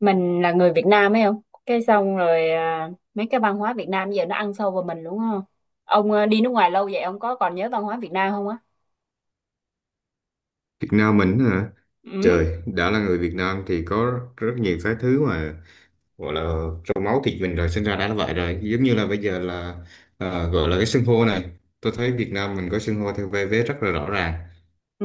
Mình là người Việt Nam ấy không cái xong rồi à, mấy cái văn hóa Việt Nam giờ nó ăn sâu vào mình đúng không? Ông à, đi nước ngoài lâu vậy ông có còn nhớ văn hóa Việt Nam không á? Việt Nam mình hả? Ừ. Trời, đã là người Việt Nam thì có rất nhiều cái thứ mà gọi là trong máu thịt mình rồi sinh ra đã là vậy rồi. Giống như là bây giờ là gọi là cái xưng hô này. Tôi thấy Việt Nam mình có xưng hô theo vai vế rất là rõ ràng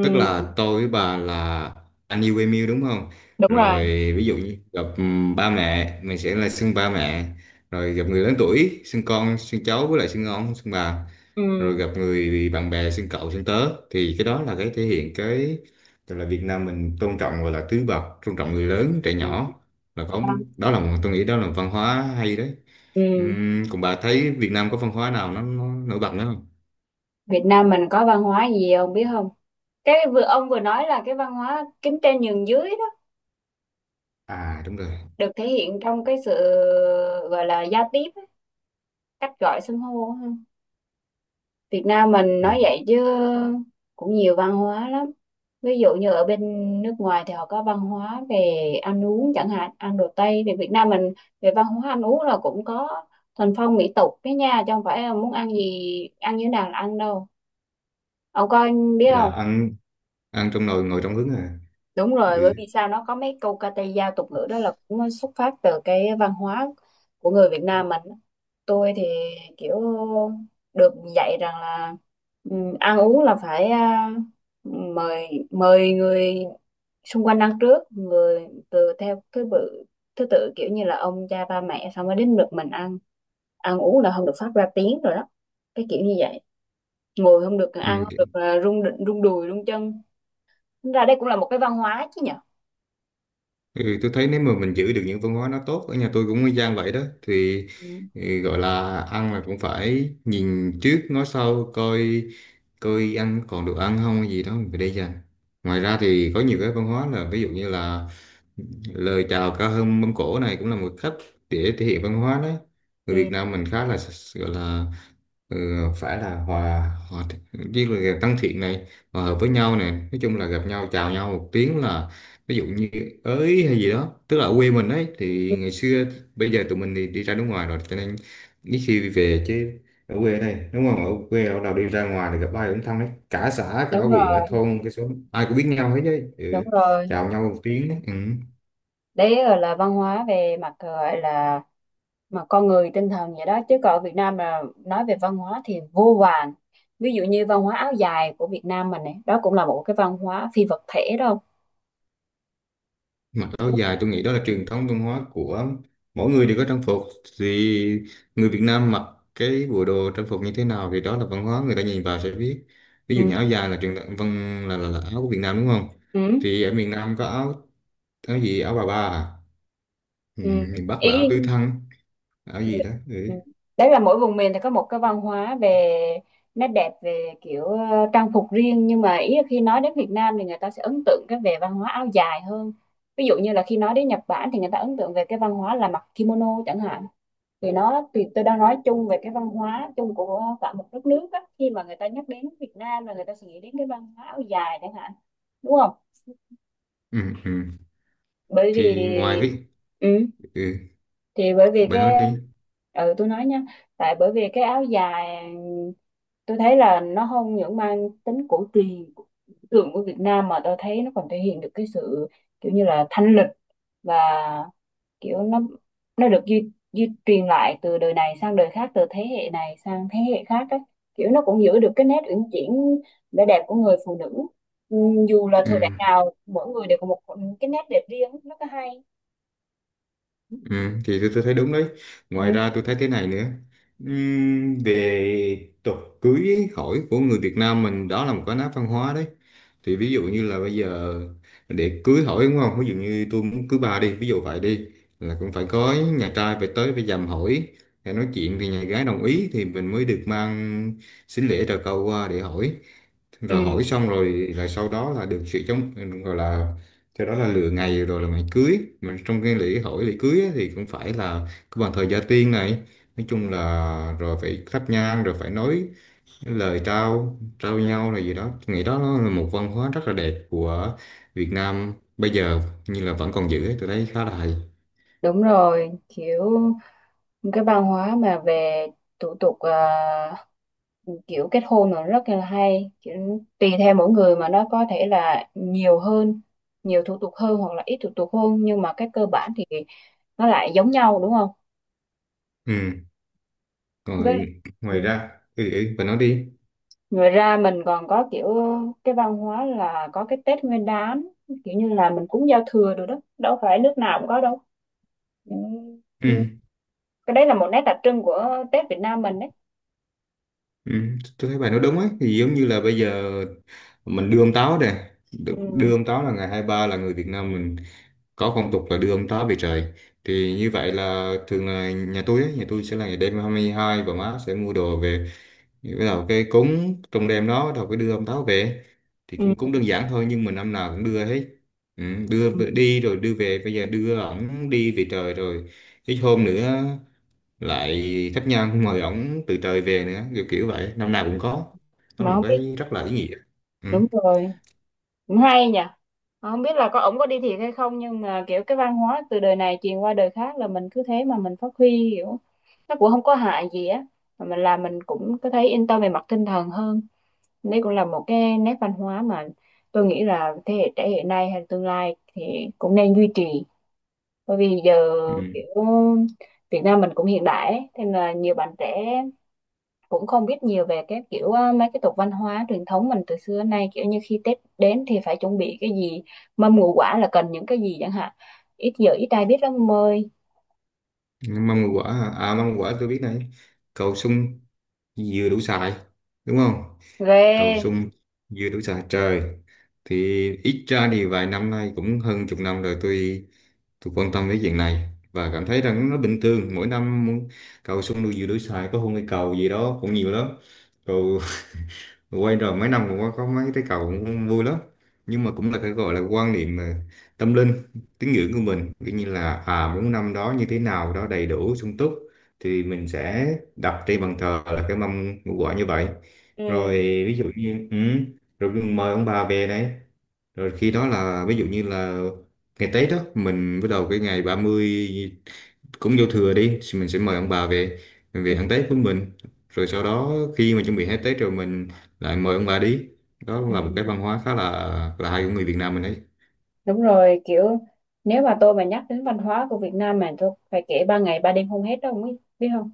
tức là tôi với bà là anh yêu em yêu đúng không Đúng rồi rồi. ví dụ như gặp ba mẹ mình sẽ là xưng ba mẹ rồi gặp người lớn tuổi xưng con xưng cháu với lại xưng ông xưng bà rồi Ừ. gặp người bạn bè xưng cậu xưng tớ thì cái đó là cái thể hiện cái tức là Việt Nam mình tôn trọng gọi là tứ bậc tôn trọng người lớn trẻ Ừ. nhỏ là có đó là một tôi nghĩ đó là văn hóa hay đấy. Ừ. Còn bà thấy Việt Nam có văn hóa nào nó nổi bật nữa không? Việt Nam mình có văn hóa gì ông biết không? Cái vừa ông vừa nói là cái văn hóa kính trên nhường dưới đó, À đúng rồi. được thể hiện trong cái sự gọi là giao tiếp á, cách gọi xưng hô á. Việt Nam mình Ừ. nói vậy chứ cũng nhiều văn hóa lắm. Ví dụ như ở bên nước ngoài thì họ có văn hóa về ăn uống chẳng hạn, ăn đồ Tây, thì Việt Nam mình về văn hóa ăn uống là cũng có thuần phong mỹ tục cái nha, chứ không phải là muốn ăn gì ăn như thế nào là ăn đâu. Ông có biết Là không? ăn ăn trong nồi ngồi trong hứng à? Đúng rồi, bởi Ừ. vì sao nó có mấy câu ca tây dao tục ngữ đó là cũng xuất phát từ cái văn hóa của người Việt Nam mình. Tôi thì kiểu được dạy rằng là ừ, ăn uống là phải mời mời người xung quanh ăn trước, người từ theo thứ tự, kiểu như là ông cha ba mẹ xong mới đến lượt mình ăn. Ăn uống là không được phát ra tiếng rồi đó, cái kiểu như vậy. Ngồi không được, ăn Ừ. không được rung rung đùi rung chân. Tính ra đây cũng là một cái văn hóa chứ nhở. Ừ tôi thấy nếu mà mình giữ được những văn hóa nó tốt ở nhà tôi cũng y chang vậy đó thì Ừ. ừ, gọi là ăn là cũng phải nhìn trước ngó sau coi coi ăn còn được ăn không hay gì đó mình phải để dành. Ngoài ra thì có nhiều cái văn hóa là ví dụ như là lời chào cao hơn mâm cỗ này cũng là một cách để thể hiện văn hóa đấy. Ừ. Người Việt Nam mình khá là gọi là ừ, phải là hòa hòa với là tăng thiện này hòa hợp với nhau này nói chung là gặp nhau chào nhau một tiếng là ví dụ như ới hay gì đó tức là ở quê mình ấy thì ngày xưa bây giờ tụi mình thì đi ra nước ngoài rồi cho nên ít khi về chứ. Ở quê này đúng không ở quê ở nào đi ra ngoài thì gặp ai cũng thân đấy cả xã cả Đúng huyện cả rồi, thôn cái số ai cũng biết nhau hết đấy. đúng Ừ. rồi. Chào nhau một tiếng đấy. Ừ. Đấy là văn hóa về mặt gọi là mà con người tinh thần vậy đó, chứ còn ở Việt Nam mà nói về văn hóa thì vô vàn. Ví dụ như văn hóa áo dài của Việt Nam mình này đó cũng là một cái văn hóa phi vật thể đâu. Mặc áo dài tôi nghĩ đó là truyền thống văn hóa của mỗi người đều có trang phục thì người Việt Nam mặc cái bộ đồ trang phục như thế nào thì đó là văn hóa người ta nhìn vào sẽ biết. Ví dụ Ừ, như áo dài là truyền thống văn là áo của Việt Nam đúng không? ừ, Thì ở miền Nam có áo áo gì áo bà ba à? Ừ, ừ. miền Bắc Ý. là áo tứ thân áo gì đó. Ừ. Ừ. Đấy là mỗi vùng miền thì có một cái văn hóa về nét đẹp về kiểu trang phục riêng, nhưng mà ý là khi nói đến Việt Nam thì người ta sẽ ấn tượng cái về văn hóa áo dài hơn. Ví dụ như là khi nói đến Nhật Bản thì người ta ấn tượng về cái văn hóa là mặc kimono chẳng hạn. Thì nó, thì tôi đang nói chung về cái văn hóa chung của cả một đất nước á, khi mà người ta nhắc đến Việt Nam là người ta sẽ nghĩ đến cái văn hóa áo dài chẳng hạn, đúng không? Ừ, ừ. Bởi vì Thì ngoài cái ừ, ừ, thì bởi vì bà nói cái, đi. ừ tôi nói nha, tại bởi vì cái áo dài tôi thấy là nó không những mang tính cổ truyền tượng của Việt Nam mà tôi thấy nó còn thể hiện được cái sự kiểu như là thanh lịch, và kiểu nó được duy truyền lại từ đời này sang đời khác, từ thế hệ này sang thế hệ khác á, kiểu nó cũng giữ được cái nét uyển chuyển, vẻ đẹp của người phụ nữ. Ừ, dù là Ừ. thời đại nào mỗi người đều có một cái nét đẹp riêng, rất là hay. Ừ, thì tôi thấy đúng đấy. Ngoài Ừ. ra tôi thấy thế này nữa. Về tục cưới hỏi của người Việt Nam mình đó là một cái nét văn hóa đấy. Thì ví dụ như là bây giờ để cưới hỏi đúng không? Ví dụ như tôi muốn cưới bà đi, ví dụ vậy đi là cũng phải có nhà trai phải tới phải dằm hỏi để nói chuyện thì nhà gái đồng ý thì mình mới được mang sính lễ trầu cau qua để hỏi Ừ. rồi hỏi xong rồi rồi sau đó là được sự chống gọi là cho đó là lựa ngày rồi là ngày cưới mà trong cái lễ hỏi lễ cưới ấy, thì cũng phải là cái bàn thờ gia tiên này nói chung là rồi phải thắp nhang rồi phải nói lời trao trao nhau là gì đó. Tôi nghĩ đó nó là một văn hóa rất là đẹp của Việt Nam bây giờ như là vẫn còn giữ ấy, tôi thấy khá là hay. Đúng rồi, kiểu cái văn hóa mà về thủ tục kiểu kết hôn nó rất là hay, kiểu, tùy theo mỗi người mà nó có thể là nhiều hơn, nhiều thủ tục hơn hoặc là ít thủ tục hơn, nhưng mà cái cơ bản thì nó lại giống nhau đúng không? Ừ. Với Rồi ừ. ngoài ra ừ, ừ, bà nói đi. Ngoài ra mình còn có kiểu cái văn hóa là có cái Tết Nguyên Đán, kiểu như là mình cúng giao thừa rồi đó, đâu phải nước nào cũng có đâu. Ừ. Ừ. Cái đấy là một nét đặc trưng của Tết Việt Nam mình đấy. Ừ, tôi thấy bài nói đúng ấy thì giống như là bây giờ mình đưa ông táo nè. Ừ. Đưa ông táo là ngày 23 là người Việt Nam mình có phong tục là đưa ông táo về trời. Thì như vậy là thường là nhà tôi ấy, nhà tôi sẽ là ngày đêm 22 và má sẽ mua đồ về bắt đầu cái cúng trong đêm đó bắt đầu cái đưa ông táo về. Thì Ừ. cũng cũng đơn giản thôi nhưng mà năm nào cũng đưa hết. Ừ, Ừ. Đi rồi đưa về bây giờ đưa ổng đi về trời rồi ít hôm nữa lại khách nhân mời ổng từ trời về nữa kiểu kiểu vậy năm nào cũng có. Đó là Mà một không biết. cái rất là ý nghĩa. Ừ. Đúng rồi, cũng hay nhỉ. Mà không biết là có ổng có đi thiệt hay không, nhưng mà kiểu cái văn hóa từ đời này truyền qua đời khác là mình cứ thế mà mình phát huy, kiểu nó cũng không có hại gì á, mà mình làm mình cũng có thấy yên tâm về mặt tinh thần hơn. Đấy cũng là một cái nét văn hóa mà tôi nghĩ là thế hệ trẻ hiện nay hay tương lai thì cũng nên duy trì. Bởi vì giờ Ừ. kiểu Việt Nam mình cũng hiện đại ấy, thế nên là nhiều bạn trẻ cũng không biết nhiều về cái kiểu mấy cái tục văn hóa truyền thống mình từ xưa đến nay, kiểu như khi Tết đến thì phải chuẩn bị cái gì, mâm ngũ quả là cần những cái gì chẳng hạn, ít giờ ít ai biết lắm ông ơi. Mâm ngũ quả hả? À mâm ngũ quả tôi biết này cầu sung dừa đủ xài đúng không? Cầu Ghê. sung dừa đủ xài trời. Thì ít ra thì vài năm nay cũng hơn chục năm rồi tôi quan tâm đến chuyện này và cảm thấy rằng nó bình thường mỗi năm cầu sung đu dừa đủ xài có hôn cây cầu gì đó cũng nhiều lắm. Cầu quay rồi mấy năm cũng có mấy cái cầu cũng vui lắm. Nhưng mà cũng là cái gọi là quan niệm tâm linh tín ngưỡng của mình. Tuy như là à muốn năm đó như thế nào đó đầy đủ sung túc thì mình sẽ đặt trên bàn thờ là cái mâm ngũ quả như vậy. Ừ. Rồi ví dụ như ừ, rồi mời ông bà về đấy rồi khi đó là ví dụ như là ngày Tết đó mình bắt đầu cái ngày 30 cũng vô thừa đi thì mình sẽ mời ông bà về mình về ăn Tết với mình rồi sau đó khi mà chuẩn bị hết Tết rồi mình lại mời ông bà đi. Đó Ừ. là một cái văn hóa khá là hay của người Việt Nam mình đấy. Đúng rồi, kiểu nếu mà tôi mà nhắc đến văn hóa của Việt Nam mà tôi phải kể ba ngày ba đêm không hết đâu, không biết biết không?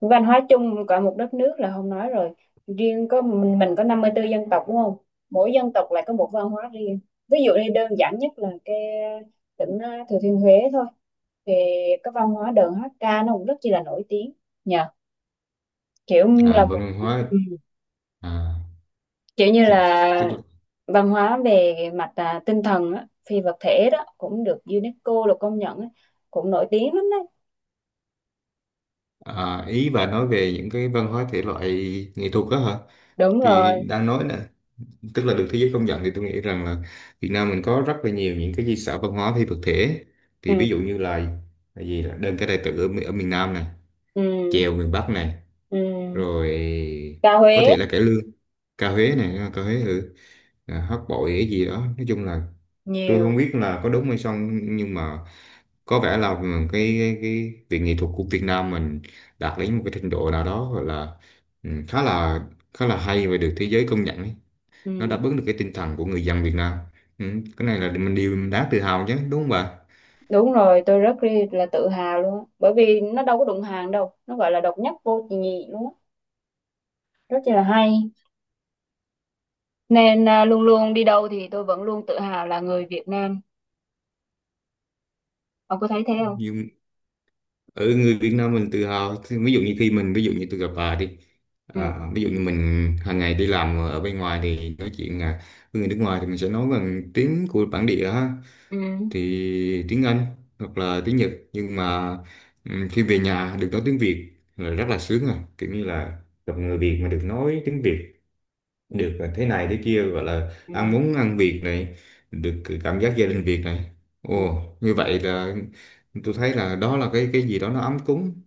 Văn hóa chung cả một đất nước là không nói rồi. Riêng có mình có 54 dân tộc đúng không? Mỗi dân tộc lại có một văn hóa riêng. Ví dụ như đơn giản nhất là cái tỉnh Thừa Thiên Huế thôi. Thì cái văn hóa đờn hát ca nó cũng rất chi là nổi tiếng. Nhờ, kiểu là À, một văn hóa à, kiểu như tức- tức là là- văn hóa về mặt tinh thần á, phi vật thể đó cũng được UNESCO là công nhận á, cũng nổi tiếng lắm đấy. à, ý bà nói về những cái văn hóa thể loại nghệ thuật đó hả? Đúng Thì rồi. đang nói nè tức là được thế giới công nhận thì tôi nghĩ rằng là Việt Nam mình có rất là nhiều những cái di sản văn hóa phi vật thể. Ừ, Thì ví dụ như là gì là đơn ca tài tử ở, ở miền Nam này ừ, chèo miền Bắc này ừ. rồi Ca có Huế. thể là cải lương ca Huế này à, ca Huế ừ. À, hát bội cái gì đó nói chung là tôi Nhiều. không biết là có đúng hay không nhưng mà có vẻ là cái việc nghệ thuật của Việt Nam mình đạt đến một cái trình độ nào đó gọi là ừ, khá là hay và được thế giới công nhận ấy. Nó Ừ. đáp ứng được cái tinh thần của người dân Việt Nam. Ừ, cái này là mình điều mình đáng tự hào chứ đúng không bà? Đúng rồi, tôi rất là tự hào luôn á. Bởi vì nó đâu có đụng hàng đâu, nó gọi là độc nhất vô nhị luôn á, rất là hay. Nên luôn luôn đi đâu thì tôi vẫn luôn tự hào là người Việt Nam. Ông có thấy thế không? Nhưng ở người Việt Nam mình tự hào thì ví dụ như khi mình ví dụ như tôi gặp bà đi Ừ, à, ví dụ như mình hàng ngày đi làm ở bên ngoài thì nói chuyện à, với người nước ngoài thì mình sẽ nói bằng tiếng của bản địa ha ừ, thì tiếng Anh hoặc là tiếng Nhật nhưng mà ừ, khi về nhà được nói tiếng Việt là rất là sướng à kiểu như là gặp người Việt mà được nói tiếng Việt được thế này thế kia gọi là ừ, ăn muốn ăn Việt này được cảm giác gia đình Việt này. ừ. Ồ như vậy là tôi thấy là đó là cái gì đó nó ấm cúng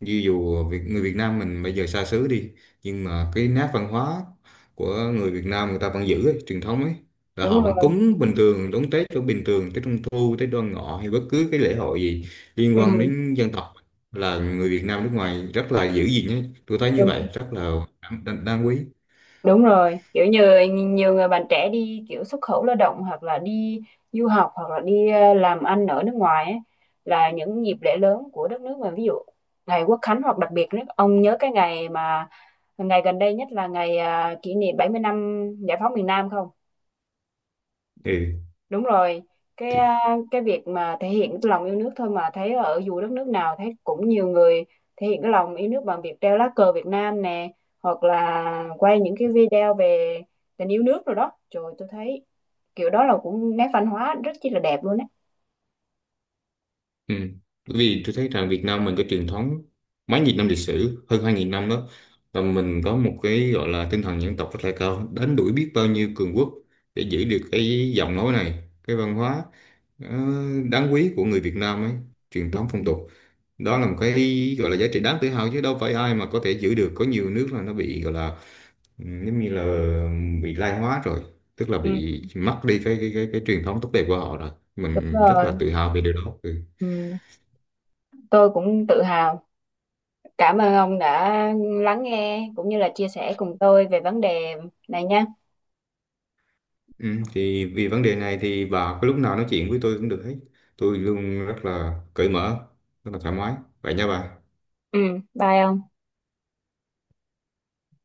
như dù người Việt Nam mình bây giờ xa xứ đi nhưng mà cái nét văn hóa của người Việt Nam người ta vẫn giữ ấy, truyền thống ấy là Đúng họ rồi. vẫn cúng bình thường đón Tết đón bình thường Tết Trung Thu Tết Đoan Ngọ hay bất cứ cái lễ hội gì liên Ừ. quan đến dân tộc là người Việt Nam nước ngoài rất là giữ gìn ấy tôi thấy như vậy rất là đáng, đáng đáng quý. Đúng rồi, kiểu như nhiều người bạn trẻ đi kiểu xuất khẩu lao động hoặc là đi du học hoặc là đi làm ăn ở nước ngoài ấy, là những dịp lễ lớn của đất nước mình, ví dụ ngày Quốc Khánh, hoặc đặc biệt nhất ông nhớ cái ngày mà ngày gần đây nhất là ngày kỷ niệm 70 năm giải phóng miền Nam không? Đúng rồi, cái Ừ. à, cái việc mà thể hiện cái lòng yêu nước thôi mà thấy ở dù đất nước nào thấy cũng nhiều người thể hiện cái lòng yêu nước bằng việc treo lá cờ Việt Nam nè, hoặc là quay những cái video về tình yêu nước rồi đó. Trời tôi thấy kiểu đó là cũng nét văn hóa rất chi là đẹp luôn á. Ừ. Bởi vì tôi thấy rằng Việt Nam mình cái truyền thống mấy nghìn năm lịch sử hơn 2000 năm đó và mình có một cái gọi là tinh thần dân tộc rất là cao đánh đuổi biết bao nhiêu cường quốc để giữ được cái giọng nói này cái văn hóa ờ, đáng quý của người Việt Nam ấy truyền Ừ. thống phong tục. Đó là một cái gọi là giá trị đáng tự hào chứ đâu phải ai mà có thể giữ được có nhiều nước là nó bị gọi là ừ, giống như là bị lai hóa rồi tức là Ừ. bị mất đi cái truyền thống tốt đẹp của họ rồi Đúng mình rất là rồi, tự hào về điều đó. Ừ. ừ. Tôi cũng tự hào. Cảm ơn ông đã lắng nghe cũng như là chia sẻ cùng tôi về vấn đề này nha. Ừ, thì vì vấn đề này thì bà có lúc nào nói chuyện với tôi cũng được hết. Tôi luôn rất là cởi mở, rất là thoải mái. Vậy nha bà. Ừ, bye ông.